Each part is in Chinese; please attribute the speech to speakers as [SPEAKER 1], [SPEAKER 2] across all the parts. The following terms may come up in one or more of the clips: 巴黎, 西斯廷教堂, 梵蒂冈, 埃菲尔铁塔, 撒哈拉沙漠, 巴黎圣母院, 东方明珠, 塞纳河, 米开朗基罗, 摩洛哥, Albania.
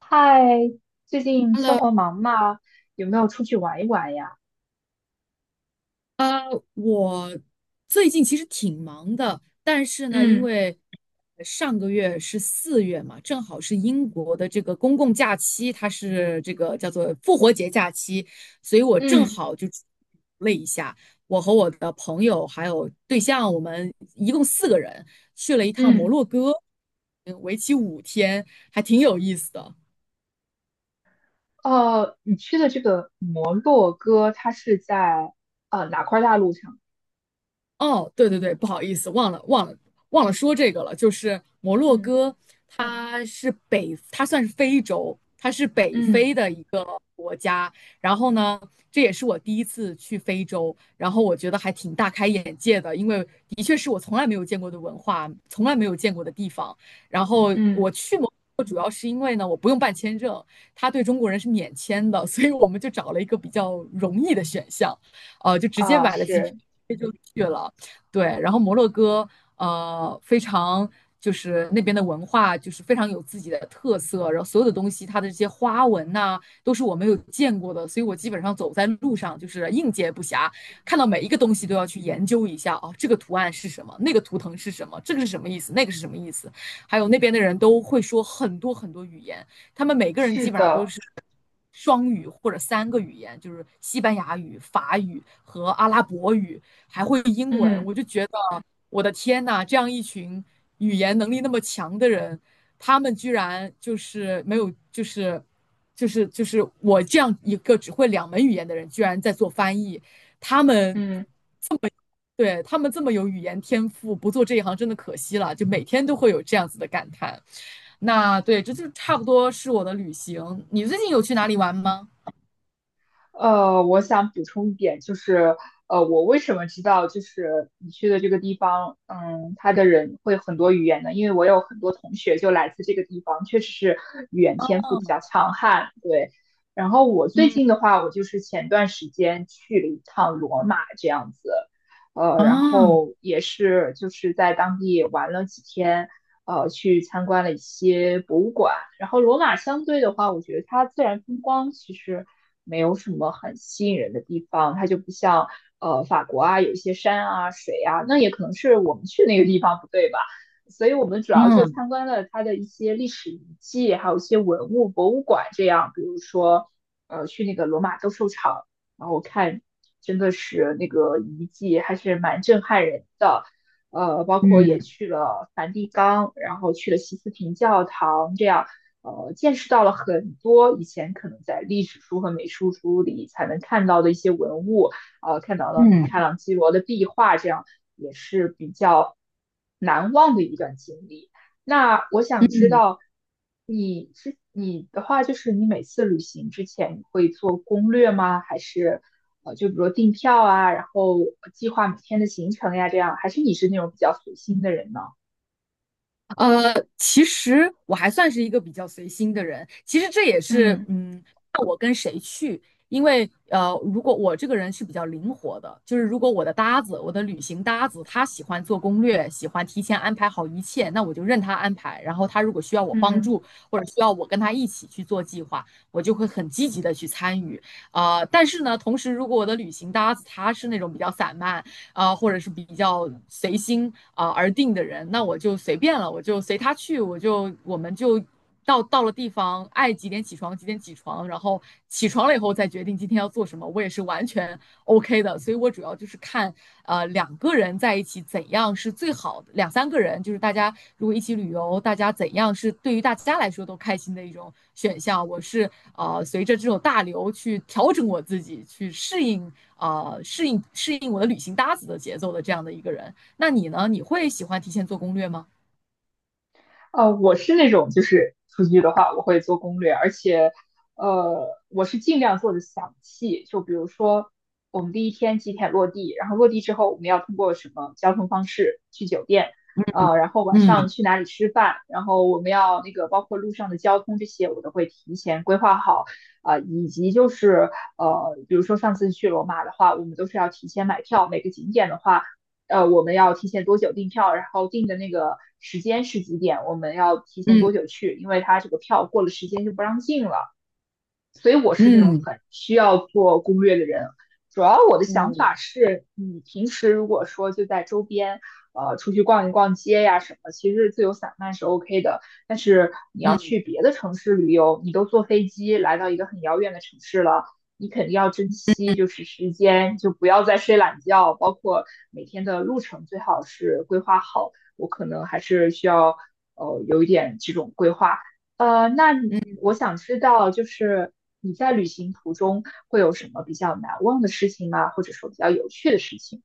[SPEAKER 1] 嗨，最近生
[SPEAKER 2] Hello，
[SPEAKER 1] 活忙吗？有没有出去玩一玩呀？
[SPEAKER 2] 呃，我最近其实挺忙的，但是呢，因
[SPEAKER 1] 嗯
[SPEAKER 2] 为上个月是四月嘛，正好是英国的这个公共假期，它是这个叫做复活节假期，所以我正
[SPEAKER 1] 嗯
[SPEAKER 2] 好就了一下，我和我的朋友还有对象，我们一共四个人去了一趟摩
[SPEAKER 1] 嗯。
[SPEAKER 2] 洛哥，为期5天，还挺有意思的。
[SPEAKER 1] 哦，你去的这个摩洛哥，它是在哪块大陆上？
[SPEAKER 2] 哦，对对对，不好意思，忘了说这个了。就是摩洛
[SPEAKER 1] 嗯
[SPEAKER 2] 哥，它算是非洲，它是北
[SPEAKER 1] 嗯
[SPEAKER 2] 非的一个国家。然后呢，这也是我第一次去非洲，然后我觉得还挺大开眼界的，因为的确是我从来没有见过的文化，从来没有见过的地方。然后
[SPEAKER 1] 嗯。
[SPEAKER 2] 我去摩洛哥主要是因为呢，我不用办签证，他对中国人是免签的，所以我们就找了一个比较容易的选项，就直接
[SPEAKER 1] 啊、
[SPEAKER 2] 买了机票
[SPEAKER 1] 是。
[SPEAKER 2] 就去了。对，然后摩洛哥非常，就是那边的文化就是非常有自己的特色，然后所有的东西它的这些花纹呐、都是我没有见过的，所以我基本上走在路上就是应接不暇，看到每一个东西都要去研究一下哦，这个图案是什么，那个图腾是什么，这个是什么意思，那个是什么意思，还有那边的人都会说很多很多语言，他们每个人
[SPEAKER 1] 是
[SPEAKER 2] 基本上都
[SPEAKER 1] 的。
[SPEAKER 2] 是。双语或者三个语言，就是西班牙语、法语和阿拉伯语，
[SPEAKER 1] 嗯
[SPEAKER 2] 我的天呐，这样一群语言能力那么强的人，他们居然就是没有，就是我这样一个只会两门语言的人，居然在做翻译，他们
[SPEAKER 1] 嗯。
[SPEAKER 2] 对他们这么有语言天赋，不做这一行真的可惜了，就每天都会有这样子的感叹。那对，这就差不多是我的旅行。你最近有去哪里玩吗？
[SPEAKER 1] 我想补充一点，就是我为什么知道就是你去的这个地方，他的人会很多语言呢？因为我有很多同学就来自这个地方，确实是语言天赋比较
[SPEAKER 2] 嗯
[SPEAKER 1] 强悍，对。然后我最
[SPEAKER 2] 嗯
[SPEAKER 1] 近的话，我就是前段时间去了一趟罗马这样子，然
[SPEAKER 2] 啊，
[SPEAKER 1] 后也是就是在当地玩了几天，去参观了一些博物馆。然后罗马相对的话，我觉得它自然风光其实没有什么很吸引人的地方，它就不像法国啊，有一些山啊、水啊，那也可能是我们去那个地方不对吧。所以我们主要就
[SPEAKER 2] 嗯
[SPEAKER 1] 参观了它的一些历史遗迹，还有一些文物博物馆，这样，比如说，去那个罗马斗兽场，然后我看真的是那个遗迹还是蛮震撼人的，包括也
[SPEAKER 2] 嗯
[SPEAKER 1] 去了梵蒂冈，然后去了西斯廷教堂，这样见识到了很多以前可能在历史书和美术书里才能看到的一些文物，看到了米开
[SPEAKER 2] 嗯
[SPEAKER 1] 朗基罗的壁画，这样也是比较难忘的一段经历。那我想知
[SPEAKER 2] 嗯。
[SPEAKER 1] 道你的话，就是你每次旅行之前你会做攻略吗？还是就比如订票啊，然后计划每天的行程呀，这样？还是你是那种比较随心的人呢？
[SPEAKER 2] 其实我还算是一个比较随心的人。其实这也是，
[SPEAKER 1] 嗯
[SPEAKER 2] 嗯，看我跟谁去。因为，如果我这个人是比较灵活的，就是如果我的搭子，我的旅行搭子，他喜欢做攻略，喜欢提前安排好一切，那我就任他安排。然后他如果需要我帮
[SPEAKER 1] 嗯。
[SPEAKER 2] 助，或者需要我跟他一起去做计划，我就会很积极的去参与。但是呢，同时如果我的旅行搭子他是那种比较散漫，啊、或者是比较随心啊、而定的人，那我就随便了，我就随他去，我们就到了地方，爱几点起床几点起床，然后起床了以后再决定今天要做什么，我也是完全 OK 的。所以我主要就是看两个人在一起怎样是最好的，两三个人就是大家如果一起旅游，大家怎样是对于大家来说都开心的一种选项。我是随着这种大流去调整我自己，去适应我的旅行搭子的节奏的这样的一个人。那你呢？你会喜欢提前做攻略吗？
[SPEAKER 1] 我是那种就是出去的话，我会做攻略，而且我是尽量做的详细。就比如说，我们第一天几点落地，然后落地之后我们要通过什么交通方式去酒店，然后晚上
[SPEAKER 2] 嗯
[SPEAKER 1] 去哪里吃饭，然后我们要那个包括路上的交通这些，我都会提前规划好。啊、以及就是比如说上次去罗马的话，我们都是要提前买票，每个景点的话。我们要提前多久订票，然后订的那个时间是几点，我们要提前多
[SPEAKER 2] 嗯
[SPEAKER 1] 久去，因为他这个票过了时间就不让进了。所以我是那种
[SPEAKER 2] 嗯
[SPEAKER 1] 很需要做攻略的人。主要我的想
[SPEAKER 2] 嗯
[SPEAKER 1] 法是，你平时如果说就在周边，出去逛一逛街呀什么，其实自由散漫是 OK 的。但是你要
[SPEAKER 2] 嗯。
[SPEAKER 1] 去别的城市旅游，你都坐飞机来到一个很遥远的城市了，你肯定要珍惜就是时间，就不要再睡懒觉，包括每天的路程最好是规划好。我可能还是需要有一点这种规划。那你我想知道，就是你在旅行途中会有什么比较难忘的事情吗？或者说比较有趣的事情？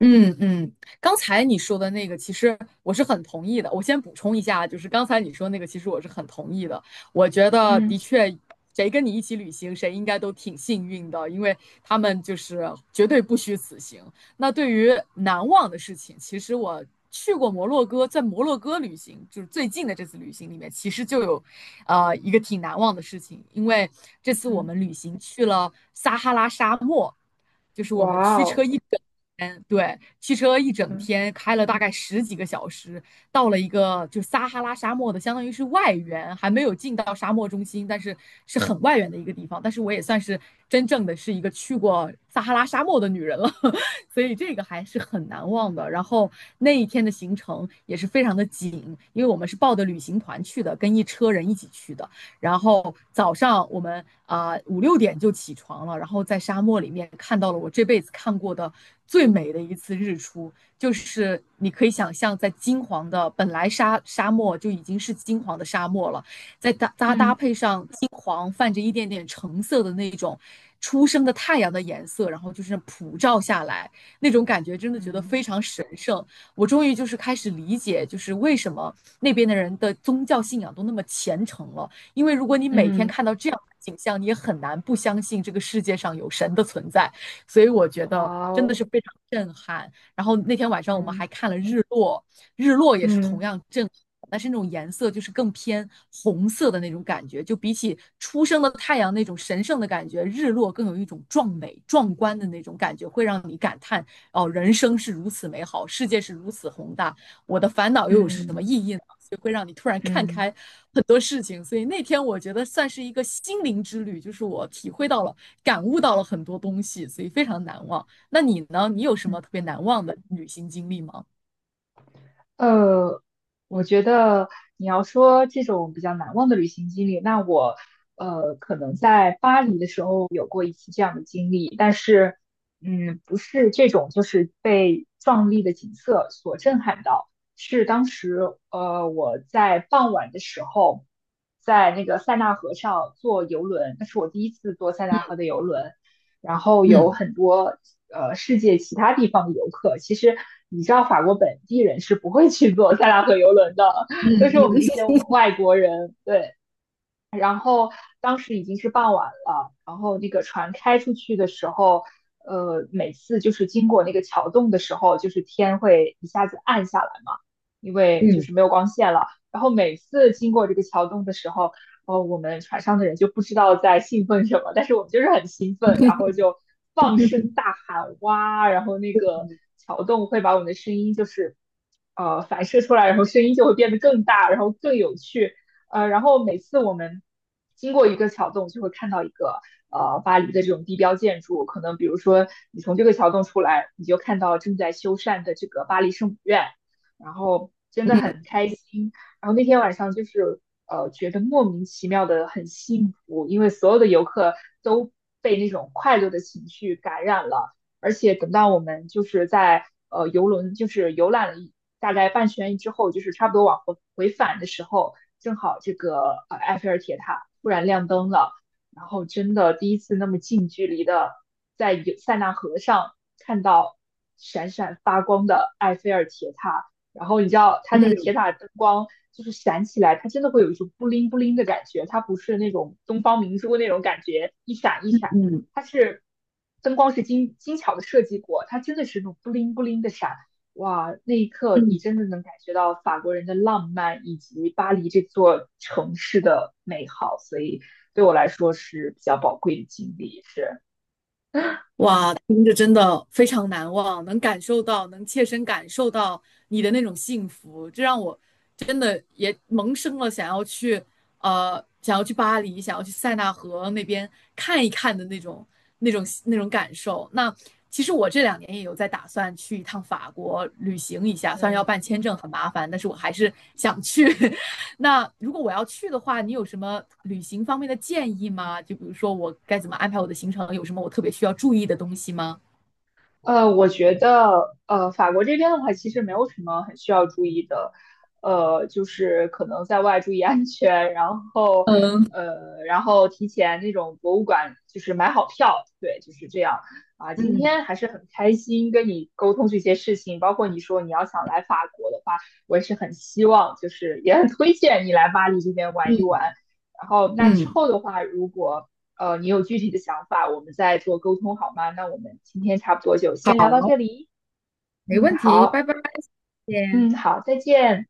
[SPEAKER 2] 嗯嗯，刚才你说的那个，其实我是很同意的。我先补充一下，就是刚才你说那个，其实我是很同意的。我觉得
[SPEAKER 1] 嗯
[SPEAKER 2] 的确，谁跟你一起旅行，谁应该都挺幸运的，因为他们就是绝对不虚此行。那对于难忘的事情，其实我去过摩洛哥，在摩洛哥旅行，就是最近的这次旅行里面，其实就有，一个挺难忘的事情，因为这次我
[SPEAKER 1] 嗯。
[SPEAKER 2] 们旅行去了撒哈拉沙漠。就是我们
[SPEAKER 1] 哇
[SPEAKER 2] 驱
[SPEAKER 1] 哦。
[SPEAKER 2] 车嗯，对，汽车一整
[SPEAKER 1] 嗯
[SPEAKER 2] 天开了大概十几个小时，到了一个就撒哈拉沙漠的，相当于是外缘，还没有进到沙漠中心，但是是很外缘的一个地方。但是我也算是真正的是一个去过撒哈拉沙漠的女人了，所以这个还是很难忘的。然后那一天的行程也是非常的紧，因为我们是抱着旅行团去的，跟一车人一起去的。然后早上我们啊5、6点就起床了，然后在沙漠里面看到了我这辈子看过的最美的一次日出，就是你可以想象，在金黄的本来沙沙漠就已经是金黄的沙漠了，再搭搭搭
[SPEAKER 1] 嗯
[SPEAKER 2] 配上金黄泛着一点点橙色的那种初升的太阳的颜色，然后就是普照下来那种感觉，真的觉得
[SPEAKER 1] 嗯。
[SPEAKER 2] 非常神圣。我终于就是开始理解，就是为什么那边的人的宗教信仰都那么虔诚了。因为如果你每天
[SPEAKER 1] 嗯。
[SPEAKER 2] 看到这样的景象，你也很难不相信这个世界上有神的存在。所以我觉得
[SPEAKER 1] 哇
[SPEAKER 2] 真的
[SPEAKER 1] 哦。
[SPEAKER 2] 是非常震撼。然后那天晚上我们
[SPEAKER 1] 嗯
[SPEAKER 2] 还看了日落，日落也是同
[SPEAKER 1] 嗯
[SPEAKER 2] 样震撼。但是那种颜色就是更偏红色的那种感觉，就比起初升的太阳那种神圣的感觉，日落更有一种壮美、壮观的那种感觉，会让你感叹哦，人生是如此美好，世界是如此宏大，我的烦恼又有什么意
[SPEAKER 1] 嗯
[SPEAKER 2] 义呢？就会让你突然看
[SPEAKER 1] 嗯
[SPEAKER 2] 开很多事情。所以那天我觉得算是一个心灵之旅，就是我体会到了、感悟到了很多东西，所以非常难忘。那你呢？你有什
[SPEAKER 1] 嗯。
[SPEAKER 2] 么特别难忘的旅行经历吗？
[SPEAKER 1] 呃，我觉得你要说这种比较难忘的旅行经历，那我可能在巴黎的时候有过一次这样的经历，但是不是这种就是被壮丽的景色所震撼到，是当时我在傍晚的时候，在那个塞纳河上坐游轮，那是我第一次坐塞纳河的游轮，然后有
[SPEAKER 2] 嗯
[SPEAKER 1] 很多世界其他地方的游客，其实你知道法国本地人是不会去坐塞纳河游轮的，都
[SPEAKER 2] 嗯
[SPEAKER 1] 是我们这
[SPEAKER 2] 嗯
[SPEAKER 1] 些外国人，对，然后当时已经是傍晚了，然后那个船开出去的时候，每次就是经过那个桥洞的时候，就是天会一下子暗下来嘛，因为就
[SPEAKER 2] 嗯
[SPEAKER 1] 是没有光线了。然后每次经过这个桥洞的时候，哦，我们船上的人就不知道在兴奋什么，但是我们就是很兴奋，然后
[SPEAKER 2] 嗯
[SPEAKER 1] 就放声大喊哇，然后那个桥洞会把我们的声音就是反射出来，然后声音就会变得更大，然后更有趣。然后每次我们经过一个桥洞，就会看到一个巴黎的这种地标建筑，可能比如说你从这个桥洞出来，你就看到正在修缮的这个巴黎圣母院，然后真的
[SPEAKER 2] 嗯
[SPEAKER 1] 很开心。然后那天晚上就是觉得莫名其妙的很幸福，因为所有的游客都被那种快乐的情绪感染了。而且等到我们就是在游轮就是游览了一大概半圈之后，就是差不多往回回返的时候，正好这个埃菲尔铁塔突然亮灯了，然后真的第一次那么近距离的在有塞纳河上看到闪闪发光的埃菲尔铁塔，然后你知道它
[SPEAKER 2] 嗯
[SPEAKER 1] 那
[SPEAKER 2] 嗯。
[SPEAKER 1] 个铁
[SPEAKER 2] 嗯
[SPEAKER 1] 塔灯光。就是闪起来，它真的会有一种布灵布灵的感觉，它不是那种东方明珠那种感觉，一闪一
[SPEAKER 2] 嗯
[SPEAKER 1] 闪，
[SPEAKER 2] 嗯
[SPEAKER 1] 它是灯光是精精巧的设计过，它真的是那种布灵布灵的闪，哇，那一刻你
[SPEAKER 2] 嗯。
[SPEAKER 1] 真的能感觉到法国人的浪漫以及巴黎这座城市的美好，所以对我来说是比较宝贵的经历，是，
[SPEAKER 2] 哇，听着真的非常难忘，能感受到，能切身感受到你的那种幸福，这让我真的也萌生了想要去，想要去巴黎，想要去塞纳河那边看一看的那种、那种、那种感受。那其实我这2年也有在打算去一趟法国旅行一下，虽然
[SPEAKER 1] 嗯。
[SPEAKER 2] 要办签证很麻烦，但是我还是想去。那如果我要去的话，你有什么旅行方面的建议吗？就比如说我该怎么安排我的行程，有什么我特别需要注意的东西吗？
[SPEAKER 1] 我觉得，法国这边的话，其实没有什么很需要注意的，就是可能在外注意安全，然后，
[SPEAKER 2] 嗯
[SPEAKER 1] 然后提前那种博物馆就是买好票，对，就是这样啊。今
[SPEAKER 2] 嗯
[SPEAKER 1] 天还是很开心跟你沟通这些事情，包括你说你要想来法国的话，我也是很希望，就是也很推荐你来巴黎这边玩一
[SPEAKER 2] 嗯
[SPEAKER 1] 玩。然后，那之
[SPEAKER 2] 嗯，
[SPEAKER 1] 后的话，如果你有具体的想法，我们再做沟通好吗？那我们今天差不多就先聊
[SPEAKER 2] 好，
[SPEAKER 1] 到这里。
[SPEAKER 2] 没
[SPEAKER 1] 嗯，
[SPEAKER 2] 问题，
[SPEAKER 1] 好，
[SPEAKER 2] 拜拜，谢谢。
[SPEAKER 1] 嗯，好，再见。